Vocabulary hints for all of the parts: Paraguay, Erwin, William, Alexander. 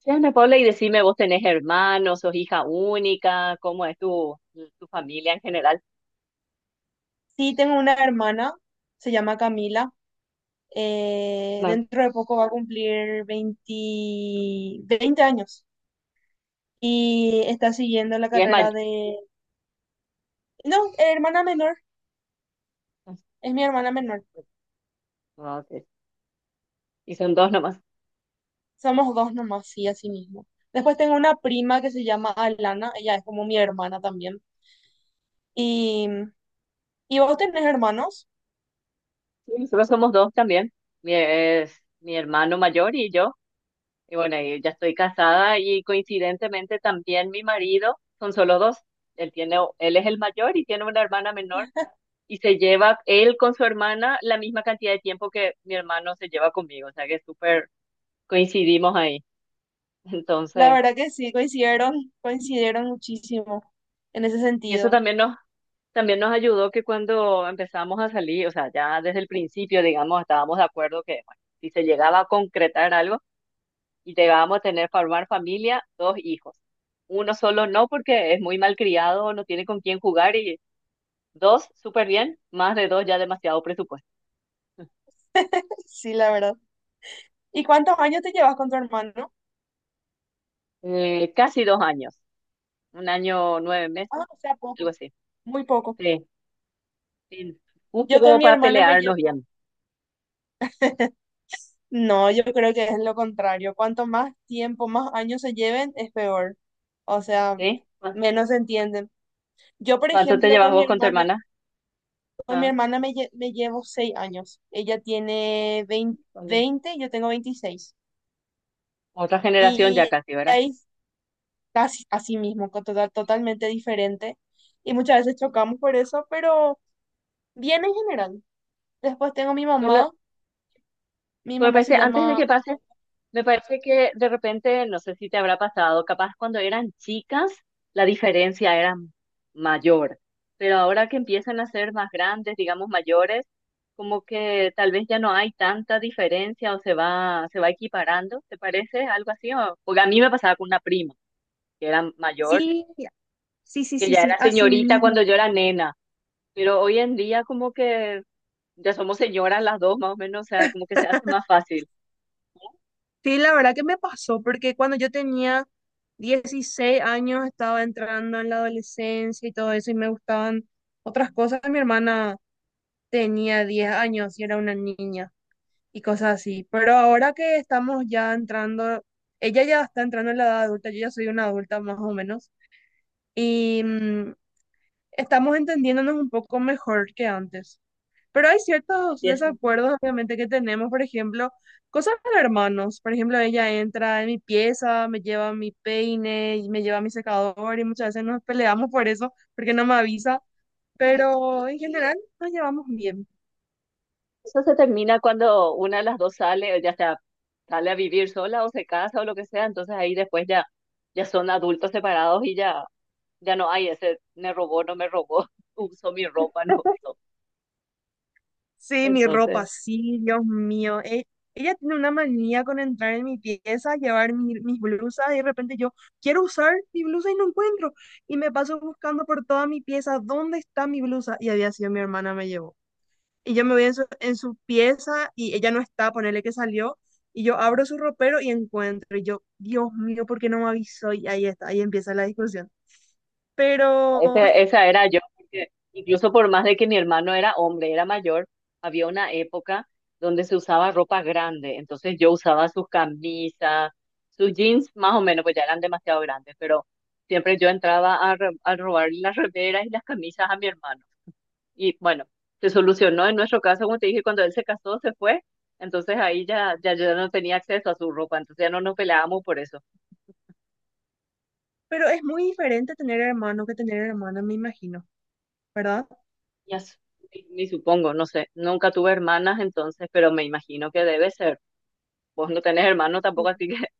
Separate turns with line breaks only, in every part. Che, Ana Paula, y decime, ¿vos tenés hermanos, sos hija única? ¿Cómo es tu familia en general?
Sí, tengo una hermana, se llama Camila.
Ma-
Dentro de poco va a cumplir veinte años y está siguiendo la
Y es
carrera
mayor.
de... No, hermana menor, es mi hermana menor.
Y son dos nomás.
Somos dos nomás, sí, así mismo. Después tengo una prima que se llama Alana, ella es como mi hermana también. ¿Y, ¿Y vos tenés hermanos?
Sí, nosotros somos dos también. Es mi hermano mayor y yo. Y bueno, y ya estoy casada y coincidentemente también mi marido, son solo dos. Él es el mayor y tiene una hermana menor y se lleva él con su hermana la misma cantidad de tiempo que mi hermano se lleva conmigo. O sea que súper coincidimos ahí.
La
Entonces.
verdad que sí, coincidieron muchísimo en ese
Y eso
sentido.
también nos, también nos ayudó que cuando empezamos a salir, o sea, ya desde el principio, digamos, estábamos de acuerdo que, bueno, si se llegaba a concretar algo y llegábamos a formar familia, dos hijos. Uno solo no, porque es muy malcriado, no tiene con quién jugar y dos, súper bien, más de dos ya demasiado presupuesto.
Sí, la verdad. ¿Y cuántos años te llevas con tu hermano?
Casi 2 años, 1 año, 9 meses,
Ah, o sea,
algo
poco,
así.
muy poco.
Sí, sí, justo
Yo con
como
mi
para
hermana me
pelearnos
llevo.
bien,
No, yo creo que es lo contrario. Cuanto más tiempo, más años se lleven, es peor. O sea,
¿sí?
menos se entienden. Yo, por
¿Cuánto te
ejemplo,
llevas vos con tu hermana?
con mi hermana me llevo 6 años. Ella tiene veinte
Ah.
veinte yo tengo 26.
Otra generación ya
Y
casi, ¿verdad?
ahí casi así mismo, con totalmente diferente. Y muchas veces chocamos por eso, pero bien en general. Después tengo mi
Bueno,
mamá. Mi
pues me
mamá se
parece, antes de
llama...
que pase, me parece que de repente, no sé si te habrá pasado, capaz cuando eran chicas la diferencia era mayor, pero ahora que empiezan a ser más grandes, digamos mayores, como que tal vez ya no hay tanta diferencia o se va equiparando, ¿te parece algo así? Porque a mí me pasaba con una prima que era mayor,
Sí, sí, sí,
que
sí,
ya
sí,
era
así
señorita cuando
mismo.
yo era nena, pero hoy en día como que ya somos señoras las dos, más o menos, o sea, como que se hace más fácil.
Sí, la verdad que me pasó, porque cuando yo tenía 16 años estaba entrando en la adolescencia y todo eso, y me gustaban otras cosas. Mi hermana tenía 10 años y era una niña y cosas así. Pero ahora que estamos ya entrando, ella ya está entrando en la edad adulta, yo ya soy una adulta más o menos, y estamos entendiéndonos un poco mejor que antes. Pero hay ciertos
Empieza.
desacuerdos, obviamente, que tenemos. Por ejemplo, cosas de hermanos. Por ejemplo, ella entra en mi pieza, me lleva mi peine, y me lleva mi secador y muchas veces nos peleamos por eso, porque no me avisa. Pero en general nos llevamos bien.
Eso se termina cuando una de las dos sale, ya sea, sale a vivir sola o se casa o lo que sea, entonces ahí después ya son adultos separados y ya no hay ese, me robó, no me robó, usó mi ropa, no usó.
Sí, mi ropa,
Entonces.
sí, Dios mío. Ella tiene una manía con entrar en mi pieza, llevar mis blusas y de repente yo quiero usar mi blusa y no encuentro. Y me paso buscando por toda mi pieza, ¿dónde está mi blusa? Y había sido mi hermana, me llevó. Y yo me voy en su pieza y ella no está, ponele que salió, y yo abro su ropero y encuentro, y yo, Dios mío, ¿por qué no me avisó? Y ahí está, ahí empieza la discusión. Pero,
Esa era yo, porque incluso por más de que mi hermano era hombre, era mayor, había una época donde se usaba ropa grande, entonces yo usaba sus camisas, sus jeans más o menos, pues ya eran demasiado grandes, pero siempre yo entraba a robar las remeras y las camisas a mi hermano. Y bueno, se solucionó en nuestro caso, como te dije, cuando él se casó, se fue, entonces ahí ya yo no tenía acceso a su ropa, entonces ya no nos peleábamos por eso.
pero es muy diferente tener hermano que tener hermana, me imagino, ¿verdad?
Ya s- ni supongo, no sé. Nunca tuve hermanas entonces, pero me imagino que debe ser. Vos no tenés hermanos
Sí.
tampoco, así que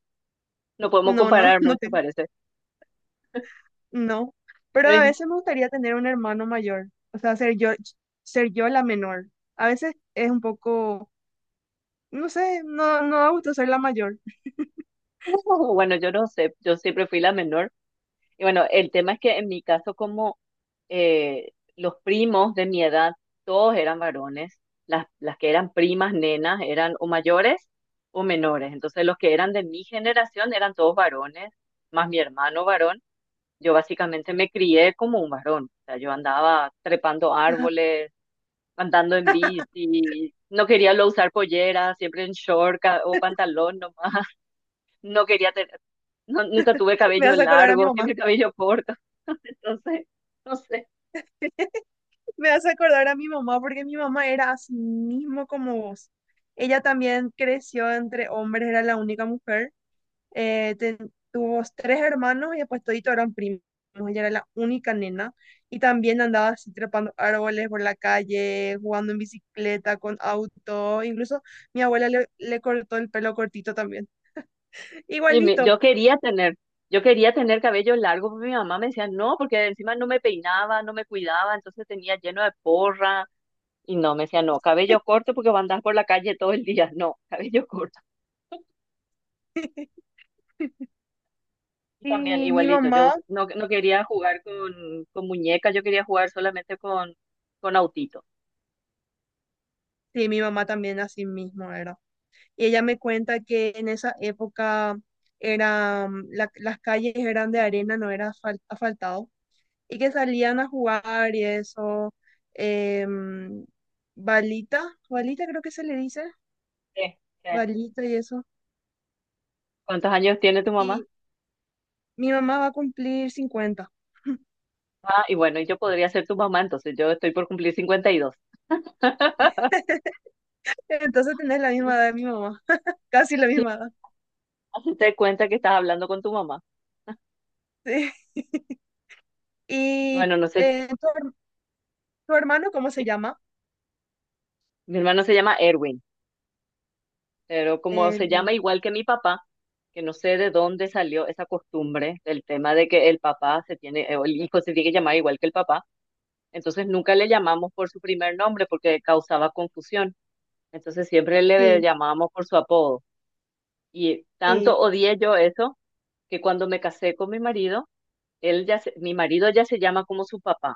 no podemos
No, no,
comparar
no
mucho,
tengo,
parece.
no. Pero a
Entonces,
veces me gustaría tener un hermano mayor, o sea, ser yo la menor. A veces es un poco, no sé, no, no da gusto ser la mayor.
bueno, yo no sé, yo siempre fui la menor. Y bueno, el tema es que en mi caso, como los primos de mi edad, todos eran varones, las que eran primas, nenas, eran o mayores o menores. Entonces, los que eran de mi generación eran todos varones, más mi hermano varón. Yo básicamente me crié como un varón. O sea, yo andaba trepando árboles, andando en bici, no quería lo usar pollera, siempre en short o pantalón nomás. No quería tener, no- nunca tuve
Me
cabello
hace acordar a mi
largo,
mamá.
siempre cabello corto. Entonces, no sé.
Me hace acordar a mi mamá porque mi mamá era así mismo como vos. Ella también creció entre hombres, era la única mujer. Tuvo tres hermanos y después toditos eran primos. Ella era la única nena y también andaba así trepando árboles por la calle, jugando en bicicleta, con auto. Incluso mi abuela le cortó el pelo cortito también.
Y mi-
Igualito.
yo quería tener, yo quería tener cabello largo, pero mi mamá me decía no, porque encima no me peinaba, no me cuidaba, entonces tenía lleno de porra. Y no, me decía, no, cabello corto porque va a andar por la calle todo el día. No, cabello corto. Yo también
Y mi
igualito, yo
mamá,
us- no, no quería jugar con muñecas, yo quería jugar solamente con autito.
sí, mi mamá también así mismo era. Y ella me cuenta que en esa época eran, las calles eran de arena, no era asfaltado, y que salían a jugar y eso, em, balita, balita creo que se le dice,
Sí, sí.
balita y eso,
¿Cuántos años tiene tu mamá?
y mi mamá va a cumplir 50.
Ah, y bueno, yo podría ser tu mamá, entonces yo estoy por cumplir 52.
Entonces tenés la misma edad de mi mamá, casi la misma edad.
Hazte cuenta que estás hablando con tu mamá.
Sí.
Y
Y
bueno, no sé,
eh, tu, her- tu hermano, ¿cómo se
si-
llama?
mi hermano se llama Erwin, pero como se
El-
llama igual que mi papá, que no sé de dónde salió esa costumbre del tema de que el papá se tiene, o el hijo se tiene que llamar igual que el papá. Entonces nunca le llamamos por su primer nombre porque causaba confusión. Entonces siempre le
sí,
llamábamos por su apodo. Y
sí.
tanto odié yo eso que cuando me casé con mi marido, mi marido ya se llama como su papá.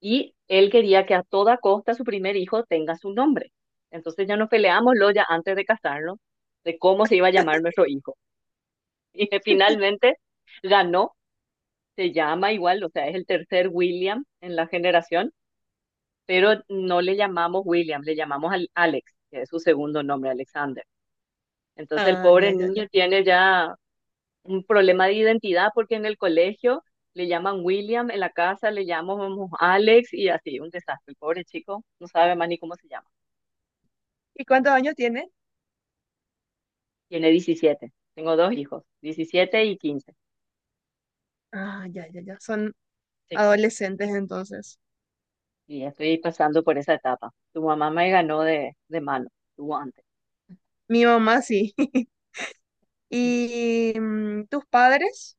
Y él quería que a toda costa su primer hijo tenga su nombre. Entonces ya nos peleamos lo ya antes de casarnos de cómo se iba a llamar nuestro hijo. Y finalmente ganó, se llama igual, o sea, es el tercer William en la generación, pero no le llamamos William, le llamamos al Alex, que es su segundo nombre, Alexander. Entonces el
Ah,
pobre
ya, ya, ya.
niño tiene ya un problema de identidad porque en el colegio le llaman William, en la casa le llamamos Alex y así, un desastre. El pobre chico no sabe más ni cómo se llama.
¿Y cuántos años tiene?
Tiene 17. Tengo dos hijos, 17 y 15.
Ah, ya, ya, ya. Son
Sí.
adolescentes entonces.
Y estoy pasando por esa etapa. Tu mamá me ganó de mano, tú antes.
Mi mamá sí. ¿Y tus padres?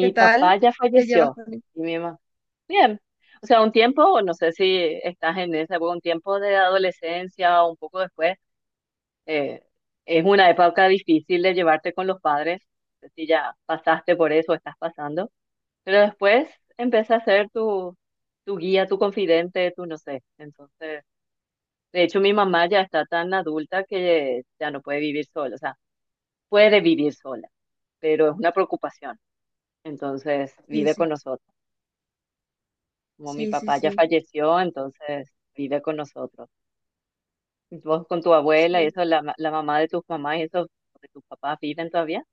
¿Qué tal?
papá ya
¿Te llevas
falleció
con ellos?
y mi mamá. Bien. O sea, un tiempo, no sé si estás en esa época, un tiempo de adolescencia o un poco después, eh, es una época difícil de llevarte con los padres, no sé si ya pasaste por eso o estás pasando, pero después empieza a ser tu guía, tu confidente, tu no sé. Entonces, de hecho, mi mamá ya está tan adulta que ya no puede vivir sola, o sea, puede vivir sola, pero es una preocupación. Entonces,
Sí,
vive con
sí,
nosotros. Como mi
sí, sí,
papá ya
sí.
falleció, entonces vive con nosotros. Vos con tu abuela y
Sí,
eso, la mamá de tus mamás y eso, de tus papás, ¿viven todavía?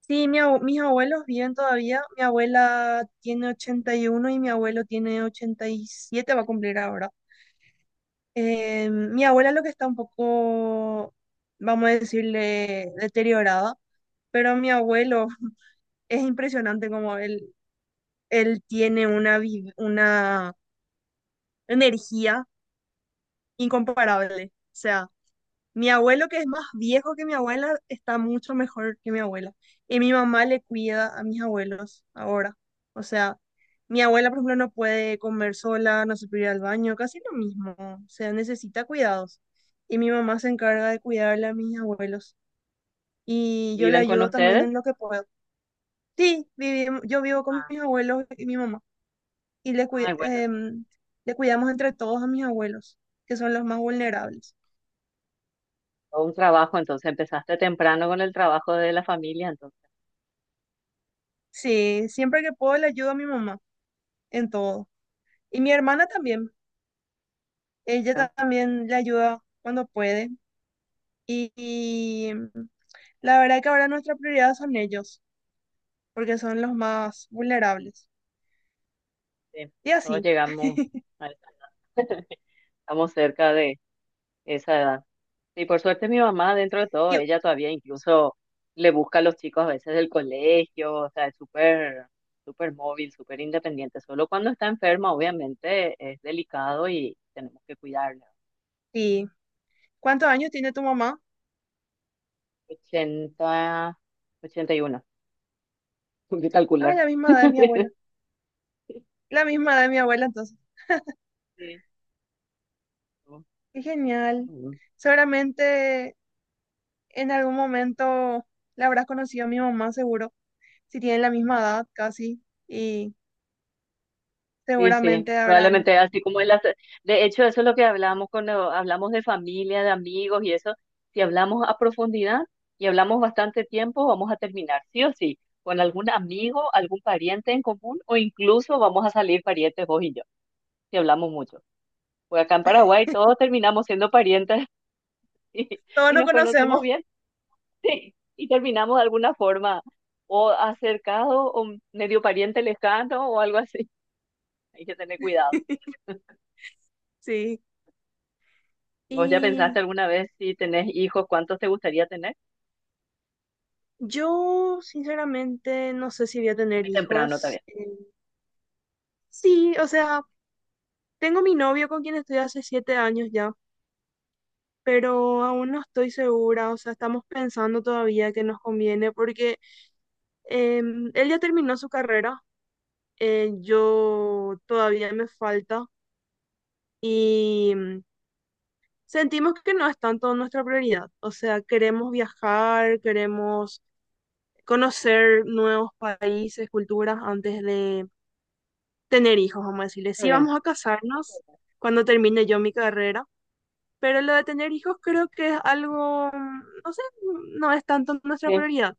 sí, mis abuelos viven todavía. Mi abuela tiene 81 y mi abuelo tiene 87. Va a cumplir ahora. Mi abuela lo que está un poco, vamos a decirle, deteriorada, pero mi abuelo es impresionante como él, una energía incomparable. O sea, mi abuelo, que es más viejo que mi abuela, está mucho mejor que mi abuela. Y mi mamá le cuida a mis abuelos ahora. O sea, mi abuela, por ejemplo, no puede comer sola, no se puede ir al baño, casi lo mismo. O sea, necesita cuidados. Y mi mamá se encarga de cuidarle a mis abuelos. Y yo le
¿Viven con
ayudo también
ustedes?
en lo que puedo. Sí, vivimos, yo vivo con
Ah.
mis abuelos y mi mamá. Y
Ay, bueno, eso es
le cuidamos entre todos a mis abuelos, que son los más vulnerables.
todo un trabajo, entonces empezaste temprano con el trabajo de la familia, entonces,
Sí, siempre que puedo le ayudo a mi mamá en todo. Y mi hermana también. Ella
¿no?
también le ayuda cuando puede. Y la verdad que ahora nuestra prioridad son ellos, porque son los más vulnerables.
Sí,
Y
todos
así.
llegamos, a- estamos cerca de esa edad. Y por suerte mi mamá, dentro de todo,
¿Y,
ella todavía incluso le busca a los chicos a veces del colegio, o sea, es súper, súper móvil, súper independiente. Solo cuando está enferma, obviamente, es delicado y tenemos que cuidarla.
¿y cuántos años tiene tu mamá?
ochenta, ochenta y 81, hay que
Ah,
calcular.
la misma edad de mi abuela. La misma edad de mi abuela, entonces. Qué genial.
Sí.
Seguramente en algún momento la habrás conocido a mi mamá, seguro. Si tienen la misma edad, casi. Y
Sí, sí,
seguramente habrán...
probablemente así como en las. De hecho, eso es lo que hablamos cuando hablamos de familia, de amigos y eso. Si hablamos a profundidad y hablamos bastante tiempo, vamos a terminar, sí o sí, con algún amigo, algún pariente en común o incluso vamos a salir parientes vos y yo, si hablamos mucho. Pues acá en Paraguay todos terminamos siendo parientes y,
Todos
si
no
nos conocemos
conocemos.
bien, sí, y terminamos de alguna forma o acercado o medio pariente lejano o algo así. Hay que tener cuidado.
Sí.
¿Vos ya pensaste
Y
alguna vez si tenés hijos, cuántos te gustaría tener?
yo, sinceramente, no sé si voy a tener
Muy temprano
hijos.
también.
Sí, o sea, tengo mi novio con quien estoy hace 7 años ya, pero aún no estoy segura, o sea, estamos pensando todavía que nos conviene porque él ya terminó su carrera, yo todavía me falta y sentimos que no es tanto nuestra prioridad, o sea, queremos viajar, queremos conocer nuevos países, culturas antes de tener hijos, vamos a decirle.
Muy
Sí,
bien,
vamos a casarnos cuando termine yo mi carrera, pero lo de tener hijos creo que es algo, no sé, no es tanto nuestra
sí,
prioridad.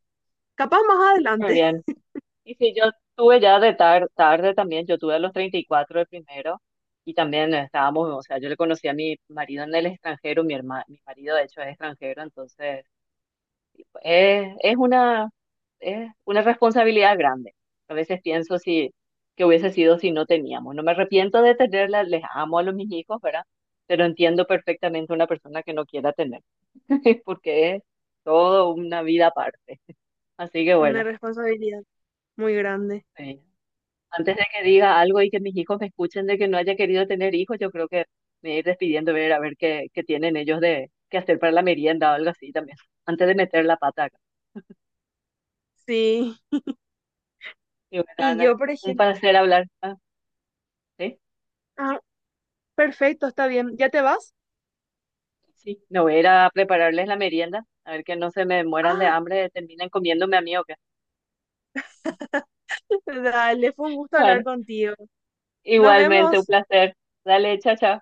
Capaz más
muy
adelante.
bien. Y sí, yo tuve ya de tarde también, yo tuve a los 34 el primero y también estábamos, o sea, yo le conocí a mi marido en el extranjero, mi marido de hecho es extranjero, entonces es, es una, es una responsabilidad grande. A veces pienso que hubiese sido si no teníamos. No me arrepiento de tenerla, les amo a los mis hijos, ¿verdad? Pero entiendo perfectamente una persona que no quiera tener. Porque es todo una vida aparte. Así que
Una
bueno,
responsabilidad muy grande.
eh, antes de que diga algo y que mis hijos me escuchen de que no haya querido tener hijos, yo creo que me voy a ir despidiendo, ver a ver qué tienen ellos de qué hacer para la merienda o algo así también, antes de meter la pata acá.
Sí,
Y bueno,
y
Ana,
yo, por
un
ejemplo,
placer hablar. Ah, ¿sí?
ah, perfecto, está bien, ¿ya te vas?
Sí, me voy a ir a prepararles la merienda, a ver que no se me mueran de
Ah,
hambre, terminen comiéndome a mí o qué.
dale, fue un gusto hablar
Vale,
contigo. Nos
igualmente un
vemos.
placer. Dale, chao, chao.